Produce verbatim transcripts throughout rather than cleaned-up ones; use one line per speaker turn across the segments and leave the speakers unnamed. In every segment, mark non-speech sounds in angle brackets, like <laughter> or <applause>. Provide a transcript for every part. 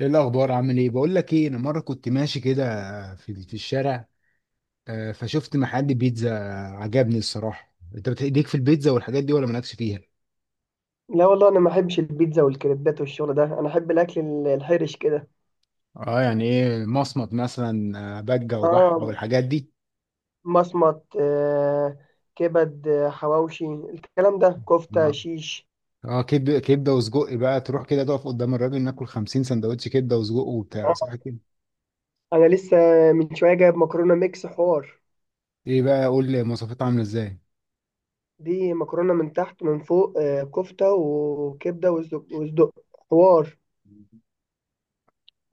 ايه الاخبار؟ عامل ايه؟ بقول لك ايه، انا مره كنت ماشي كده في في الشارع. آه، فشفت محل بيتزا عجبني الصراحه. انت بتديك في البيتزا والحاجات دي ولا مالكش فيها؟
لا والله، انا ما احبش البيتزا والكريبات والشغل ده. انا احب الاكل ال- الحرش كده.
اه يعني ايه، مصمت مثلا آه، بجه وبحه
اه،
والحاجات دي؟
مصمت، آه، كبد، آه، حواوشي، الكلام ده كفته
اه.
شيش.
اه، كبده كبده وسجق، بقى تروح كده تقف قدام الراجل ناكل خمسين سندوتش كبده وسجق وبتاع، صح كده؟
انا لسه من شويه جايب مكرونه ميكس حوار.
ايه بقى، قول لي مواصفاتها عامله ازاي؟
دي مكرونه من تحت من فوق، آه، كفته وكبده وصدق وصدق، حوار.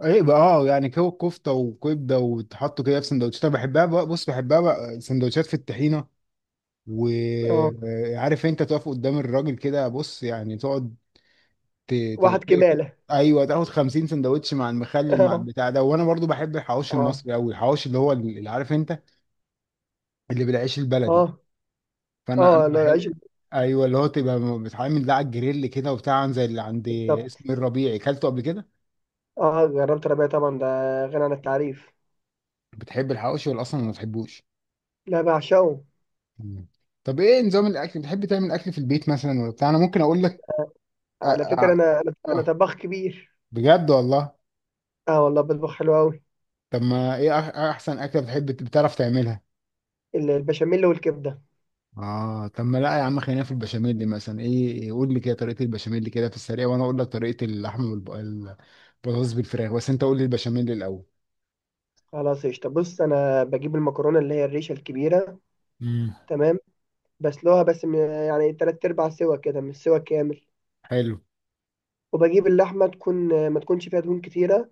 ايه بقى، اه يعني كو- كفته وكبده وتحطوا كده في سندوتشات، انا بحبها بقى، بص بحبها بقى سندوتشات في الطحينه.
اه،
وعارف انت تقف قدام الراجل كده، بص يعني تقعد ت... ت...
واحد
ت...
كماله.
ايوه، تاخد خمسين سندوتش مع المخلل مع البتاع
<laughs>
ده. وانا برضو بحب
اه،
الحواوشي
اه.
المصري قوي، الحواوشي اللي هو اللي عارف انت، اللي بالعيش البلدي.
اه،
فانا انا
اه، لو العيش
بحب، ايوه، اللي هو تبقى بتعمل ده على الجريل كده وبتاع، زي اللي عند
بالظبط.
اسم الربيعي، اكلته قبل كده.
اه، جربت ربيع طبعا، ده غني عن التعريف.
بتحب الحواوشي ولا اصلا ما بتحبوش؟
لا، بعشقه.
مم. طب ايه نظام الاكل، بتحب تعمل اكل في البيت مثلا ولا بتاع؟ انا ممكن اقول لك. أ...
على فكرة،
أ...
أنا أنا أنا
اه،
طباخ كبير.
بجد والله؟
أه والله، بطبخ حلو أوي.
طب ما ايه أح- احسن اكله بتحب بتعرف تعملها؟
ال- البشاميل والكبدة.
اه طب ما لا يا عم، خلينا في البشاميل دي مثلا، ايه، إيه، قول لي كده طريقه البشاميل دي كده في السريع، وانا اقول لك طريقه اللحمه والبطاطس بالفراخ، بس انت قول لي البشاميل الاول.
خلاص، قشطة. بص، أنا بجيب المكرونة اللي هي الريشة الكبيرة.
امم.
تمام. بسلقها بس من، يعني تلات أرباع سوا كده مش سوا كامل.
حلو.
وبجيب اللحمة تكون ما تكونش فيها دهون كتيرة.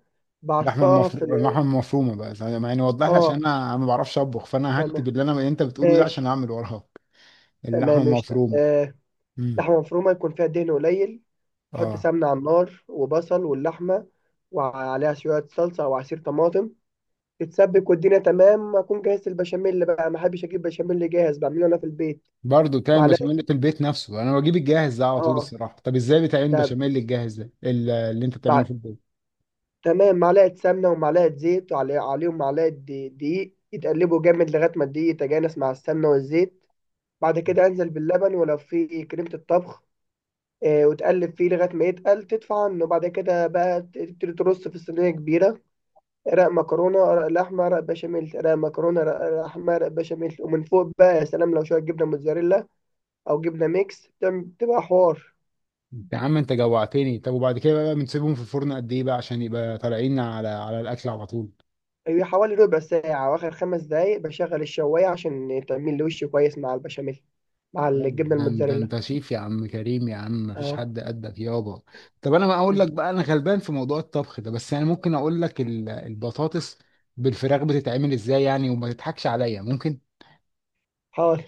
اللحمه
بعصاها في ال.
المفرومه اللحمه المفرومه بقى زي- يعني وضح لي عشان
أه.
انا ما بعرفش اطبخ، فانا هكتب
تمام.
اللي انا اللي انت بتقوله ده عشان
ماشي.
اعمل وراك. اللحمه
تمام، قشطة،
المفرومه.
آه.
امم.
لحمة مفرومة يكون فيها دهن قليل. أحط
اه.
سمنة على النار، وبصل، واللحمة. وعليها شوية صلصة أو عصير طماطم. تتسبك والدنيا تمام، اكون جاهز. البشاميل بقى ما احبش اجيب بشاميل جاهز، بعمله انا في البيت.
برضه بتعمل
معلقه.
بشاميل في البيت نفسه؟ انا بجيب الجاهز ده على طول
اه.
الصراحه. طب ازاي بتعمل
لا.
بشاميل الجاهز ده ال- اللي انت بتعمله في
بع...
البيت؟
تمام، معلقه سمنه ومعلقه زيت، وعلي... عليهم معلقه دي- دقيق، يتقلبوا جامد لغايه ما الدقيق يتجانس مع السمنه والزيت. بعد كده انزل باللبن ولو في كريمه الطبخ. آه، وتقلب فيه لغايه ما يتقل تدفع عنه. بعد كده بقى تبتدي ترص في صينيه كبيره. رق مكرونه، رق لحمه، رق بشاميل، رق مكرونه، رق لحمه، رق بشاميل. ومن فوق بقى، يا سلام، لو شويه جبنه موتزاريلا او جبنه ميكس، بتعمل- بتبقى حوار.
يا عم انت جوعتني. طب وبعد كده بقى بنسيبهم في الفرن قد ايه بقى عشان يبقى طالعين على على الاكل على طول؟
هي حوالي ربع ساعه، واخر خمس دقايق بشغل الشوايه عشان تعمل لي وش كويس مع البشاميل مع الجبنه
ده ده
الموتزاريلا.
انت شيف يا عم كريم، يا عم مفيش
اه،
حد قدك يابا. طب انا بقى اقول لك بقى، انا غلبان في موضوع الطبخ ده، بس انا ممكن اقول لك ال- البطاطس بالفراخ بتتعمل ازاي، يعني وما تضحكش عليا، ممكن.
حاضر.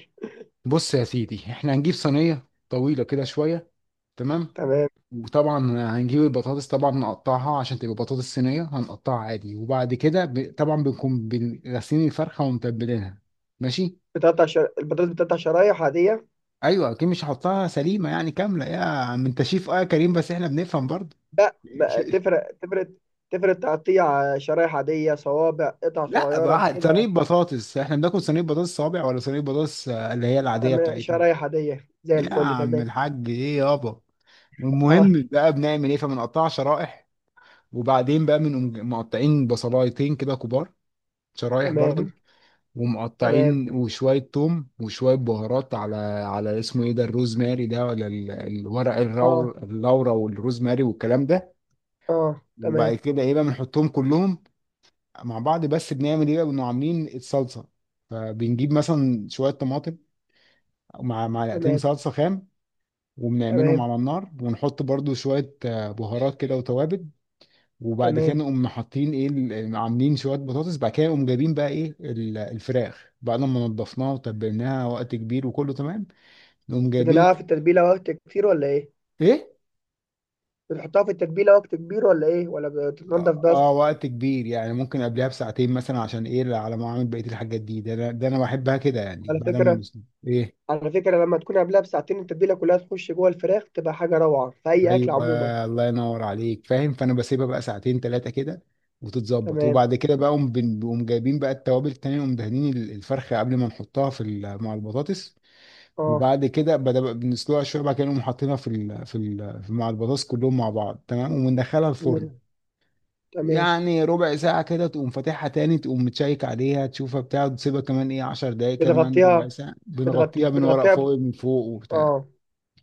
بص يا سيدي، احنا هنجيب صينيه طويله كده شويه، تمام،
تمام.
وطبعا هنجيب البطاطس، طبعا نقطعها عشان تبقى بطاطس صينية، هنقطعها عادي. وبعد كده ب... طبعا بنكون بن- غاسلين الفرخة ومتبلينها، ماشي.
بتقطع شر... البطاطس، بتقطع شرايح عاديه.
ايوه اكيد مش هحطها سليمة يعني كاملة، يا عم انت شيف اه يا كريم بس احنا بنفهم برضه.
لا، ما...
<laughs>
تفرق، تفرق، تفرق، تقطيع شرايح عاديه، صوابع، قطع
لا
صغيره
بقى، صينية
كده.
بطاطس احنا بناكل صينية بطاطس صابع ولا صينية بطاطس آه، اللي هي العادية
تمام،
بتاعتنا؟
شرايح عاديه زي
يا
الفل.
عم
تمام.
الحاج ايه يابا.
حاضر.
المهم بقى بنعمل ايه، فبنقطعها شرائح، وبعدين بقى بنقوم مقطعين بصلايتين كده كبار، شرايح برضو،
تمام. تمام.
ومقطعين وشوية توم وشوية بهارات على، على اسمه ايه ده، الروزماري ده، ولا ال- الورق الرو...
اه،
اللورا والروزماري والكلام ده.
اه.
وبعد
تمام.
كده ايه بقى، بنحطهم كلهم مع بعض. بس بنعمل ايه بقى، بنبقى عاملين الصلصة، فبنجيب مثلا شوية طماطم مع معلقتين
تمام.
صلصة خام، وبنعملهم
تمام.
على النار، ونحط برضو شوية آه، بهارات كده وتوابل. وبعد كده
تمام.
نقوم حاطين ايه ال- يعني عاملين شويه بطاطس. بعد كده نقوم جايبين بقى ايه ال- الفراخ بعد ما نضفناها وتبلناها وقت كبير وكله تمام، نقوم جايبين.
بتنقع في التتبيله وقت كتير ولا ايه؟
ايه؟
بتحطها في التتبيله وقت كبير ولا ايه، ولا
اه،
بتتنضف
آه،
بس؟
وقت كبير، يعني ممكن قبلها بساعتين مثلا، عشان ايه، على ما اعمل بقيه الحاجات دي. ده انا ده انا بحبها كده، يعني
على
بعد ما
فكره
نس- ايه،
على فكره لما تكون قبلها بساعتين، التتبيله كلها تخش جوه الفراخ، بتبقى حاجه روعه في اي اكل عموما.
ايوه، الله ينور عليك، فاهم. فانا بسيبها بقى ساعتين ثلاثه كده، وتتظبط.
تمام.
وبعد كده بقى نقوم بن- نقوم جايبين بقى التوابل التانية، نقوم دهنين ال- الفرخه قبل ما نحطها في ال- مع البطاطس.
اه.
وبعد كده بدأ بنسلقها شويه. بعد كده نقوم حاطينها في ال في ال في- مع البطاطس كلهم مع بعض، تمام، وندخلها
تمام.
الفرن.
تمام.
يعني ربع ساعه كده تقوم فاتحها تاني، تقوم متشيك عليها، تشوفها بتاع تسيبها كمان ايه عشر دقايق، كمان ربع
بتغطيها.
ساعه.
بتغطي
بنغطيها من ورق
بتغطيها ب...
فويل من فوق وبتاع.
اه.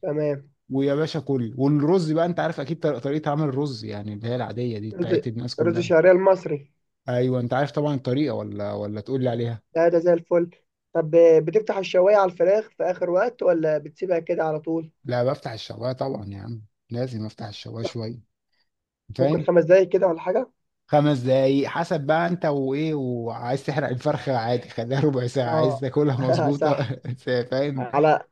تمام.
ويا باشا كل. والرز بقى انت عارف اكيد طريقه طريقة عمل الرز، يعني اللي هي العاديه دي
رز
بتاعت الناس
رز
كلها،
الشعريه المصري.
ايوه انت عارف طبعا الطريقه ولا ولا تقول لي عليها؟
ده ده زي الفل. طب، آه، بتفتح الشوايه على الفراخ في اخر وقت ولا بتسيبها كده على طول؟
لا بفتح الشوايه طبعا يا عم، لازم افتح الشوايه
لا،
شويه،
ممكن
فاهم،
خمس دقايق كده ولا حاجه.
خمس دقايق حسب بقى انت وايه، وعايز تحرق الفرخة، عادي خليها ربع ساعة، عايز
اه.
تاكلها
<laughs>
مظبوطة
صح.
<laughs> فاهم.
على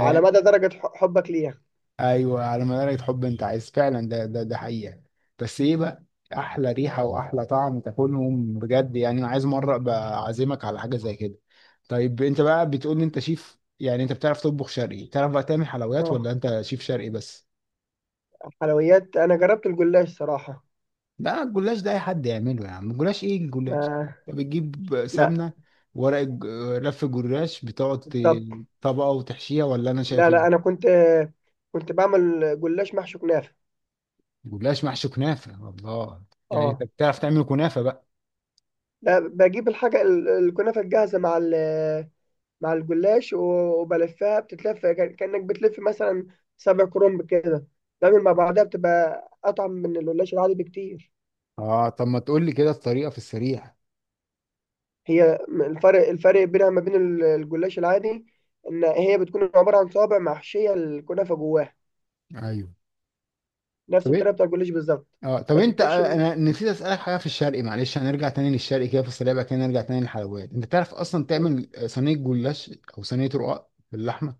على مدى درجه ح- حبك ليها.
ايوه، على ما درجة حب انت عايز فعلا. ده ده ده حقيقة. بس ايه بقى، احلى ريحة واحلى طعم، تاكلهم بجد يعني. انا عايز مرة ابقى اعزمك على حاجة زي كده. طيب انت بقى بتقول لي انت شيف، يعني انت بتعرف تطبخ شرقي، بتعرف بقى تعمل حلويات ولا
اه،
انت شيف شرقي بس؟
حلويات انا جربت الجلاش صراحه.
لا الجلاش ده اي حد يعمله يا عم، الجلاش ايه الجلاش،
ما
انت بتجيب
لا.
سمنه ورق الج- رف جلاش، بتقعد
بالضبط.
ت- طبقه وتحشيها، ولا انا شايف
لا، لا،
ايه؟
انا كنت كنت بعمل جلاش محشي كنافه.
جلاش محشي كنافه، الله، يعني انت
اه،
بتعرف تعمل كنافه بقى؟
لا، بجيب الحاجه ال- الكنافه الجاهزه مع ال- مع الجلاش و- وبلفها. بتتلف كأن- كانك بتلف مثلا سبع كرنب كده. بعمل مع بعضها بتبقى اطعم من الجلاش العادي بكتير.
اه طب ما تقول لي كده الطريقه في السريع.
هي م- الفرق الفرق بينها ما بين ال- الجلاش العادي، ان هي بتكون عباره عن صوابع محشيه الكنافه جواها.
ايوه.
نفس
طب ايه،
الطريقه بتاع الجلاش بالظبط.
اه طب
بس
انت
بتحشي.
آه، انا نسيت اسالك حاجه في الشرقي، معلش هنرجع تاني للشرقي كده في السريع، بعد كده نرجع تاني للحلويات. انت تعرف اصلا تعمل آه، صينيه جلاش او صينيه رقاق باللحمه؟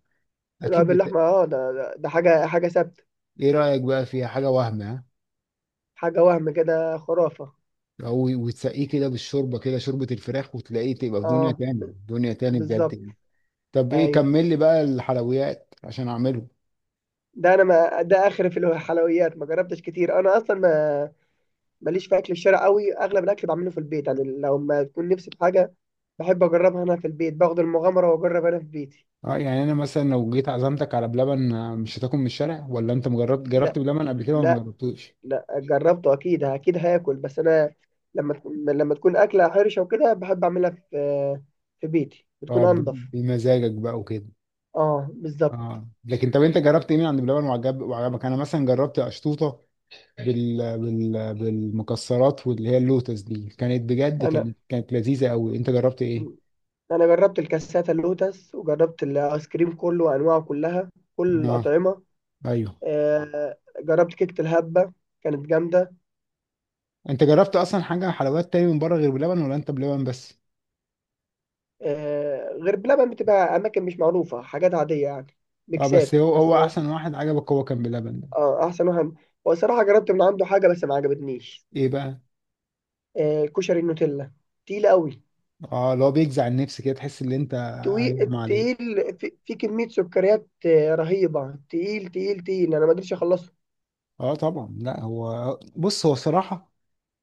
لا،
اكيد بت...
باللحمة. اه. ده ده ده حاجة حاجة ثابتة.
ايه رايك بقى فيها، حاجه وهم ها،
حاجة وهم كده، خرافة.
او وتسقيه كده بالشوربه كده، شوربه الفراخ، وتلاقيه تبقى في دنيا
اه،
تاني،
ب-
دنيا تاني بجد
بالظبط.
يعني. طب ايه،
ايوه.
كمل لي بقى الحلويات عشان اعمله.
ده انا، ما ده اخر في الحلويات ما جربتش كتير. انا اصلا ما، ماليش في اكل الشارع قوي. اغلب الاكل بعمله في البيت، يعني لو ما تكون نفسي في حاجة بحب اجربها انا في البيت، باخد المغامرة واجرب انا في بيتي.
اه يعني انا مثلا لو جيت عزمتك على بلبن آه، مش هتاكل من الشارع، ولا انت مجربت
لا.
جربت بلبن قبل كده، ولا ما
لا.
جربتوش؟
لا، جربته اكيد، اكيد هاكل، بس انا لما تكون لما تكون اكلة حرشة وكده، بحب اعملها في في بيتي، بتكون
اه ب-
انضف.
بمزاجك بقى وكده.
اه، بالظبط.
اه، لكن طب انت جربت ايه من عند بلبن وعجب وعجبك؟ انا مثلا جربت اشطوطه بال... بال... بالمكسرات، واللي هي اللوتس دي كانت بجد،
انا
كانت كانت لذيذه قوي. انت جربت ايه؟
انا جربت الكاساتا اللوتس، وجربت الايس كريم كله وانواعه كلها، كل
اه،
الاطعمه.
ايوه.
آه، جربت كيكه الهبه، كانت جامده.
انت جربت اصلا حاجه حلويات تاني من بره غير بلبن، ولا انت بلبن بس؟
آه، غير بلبن بتبقى اماكن مش معروفه، حاجات عاديه يعني،
اه بس
ميكسات
هو هو
بس.
احسن واحد عجبك هو كان بلبن ده؟
اه، احسن واحد. هو الصراحه جربت من عنده حاجه بس ما عجبتنيش.
ايه بقى؟
آه، كشري النوتيلا. تقيل قوي.
اه، اللي هو بيجزع النفس كده، تحس ان انت
تقيل،
هيغمى عليه.
تقيل، في في كميه سكريات، آه، رهيبه. تقيل، تقيل، تقيل، انا ما قدرتش اخلصه.
اه طبعا، لا هو بص، هو صراحه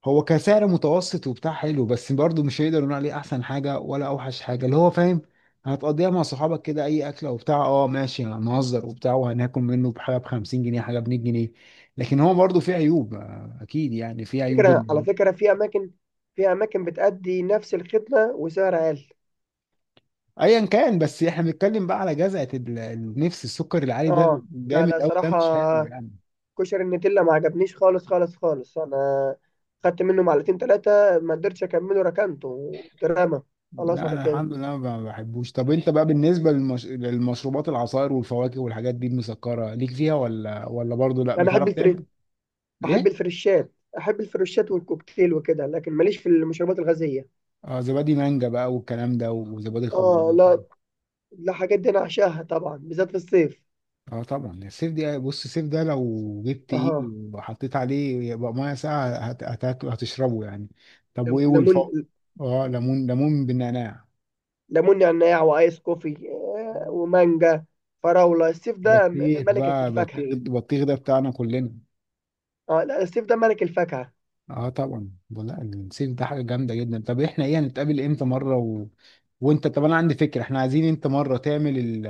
هو كسعر متوسط وبتاع حلو، بس برضه مش هيقدر نقول عليه احسن حاجه ولا اوحش حاجه، اللي هو فاهم، هتقضيها مع صحابك كده اي اكله وبتاع، اه ماشي هنهزر وبتاع وهناكل منه بحاجه ب خمسين جنيه، حاجه ب مية جنيه. لكن هو برضه فيه عيوب آه، اكيد، يعني فيه عيوب.
فكرة على فكرة، في أماكن في أماكن بتأدي نفس الخدمة وسعر أقل.
ايا كان، بس احنا بنتكلم بقى على جزعه ال- النفس، السكر العالي ده
اه، لا، لا،
جامد قوي، ده
صراحة
مش حلو يعني.
كشري النتيلا ما عجبنيش خالص، خالص، خالص. أنا خدت منه معلقتين تلاتة ما قدرتش أكمله، ركنته دراما. خلاص،
لا
على
انا
كده.
الحمد لله ما بحبوش. طب انت بقى بالنسبه للمش... للمشروبات، العصائر والفواكه والحاجات دي المسكره ليك فيها، ولا ولا برضه لا
أنا أحب
بتعرف
الفري
تعمل؟
أحب
ايه؟
الفريشات. أحب الفريشات والكوكتيل وكده، لكن ماليش في المشروبات الغازية.
اه زبادي مانجا بقى والكلام ده، وزبادي
اه،
خلاط؟
لا، لا، حاجات دي أنا أعشاها طبعا، بالذات في الصيف.
اه طبعا السيف دي، بص السيف ده لو جبت ايه
اه،
وحطيت عليه يبقى ميه ساقعه هت... هت... هتشربه يعني. طب وايه والفوق؟
ليمون
اه ليمون، ليمون بالنعناع؟
ليمون نعناع وايس كوفي، آه، ومانجا، فراوله. السيف ده م-
بطيخ
ملك
بقى،
الفاكهه.
بطيخ بطيخ ده بتاعنا كلنا.
اه، لا، السيف ده ملك الفاكهه.
اه طبعا، لا الصيف ده حاجه جامده جدا. طب احنا ايه، هنتقابل امتى مره و... وانت، طب انا عندي فكره، احنا عايزين انت مره تعمل ال...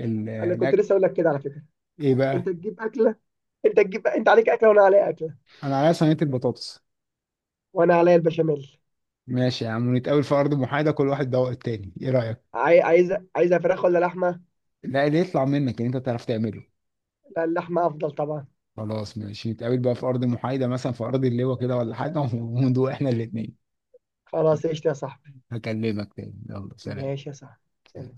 ال...
انا كنت لسه
الأك-
اقول لك كده على فكره،
ايه
انت
بقى،
تجيب اكله. انت تجيب انت عليك اكله وانا عليا اكله.
انا عليا صينيه البطاطس.
وانا عليا البشاميل.
ماشي يا عم، ونتقابل في ارض محايده، كل واحد دوق التاني، ايه رايك؟
عاي- عايزه عايزه فراخ ولا لحمه؟
لا اللي يطلع منك ان انت تعرف تعمله.
لا، اللحمه افضل طبعا.
خلاص ماشي، نتقابل بقى في ارض محايده، مثلا في ارض اللواء كده ولا حاجه <laughs> وندوق احنا الاثنين.
خلاص، قشطه يا صاحبي.
هكلمك تاني، يلا سلام.
ماشي يا صاحبي. سلام.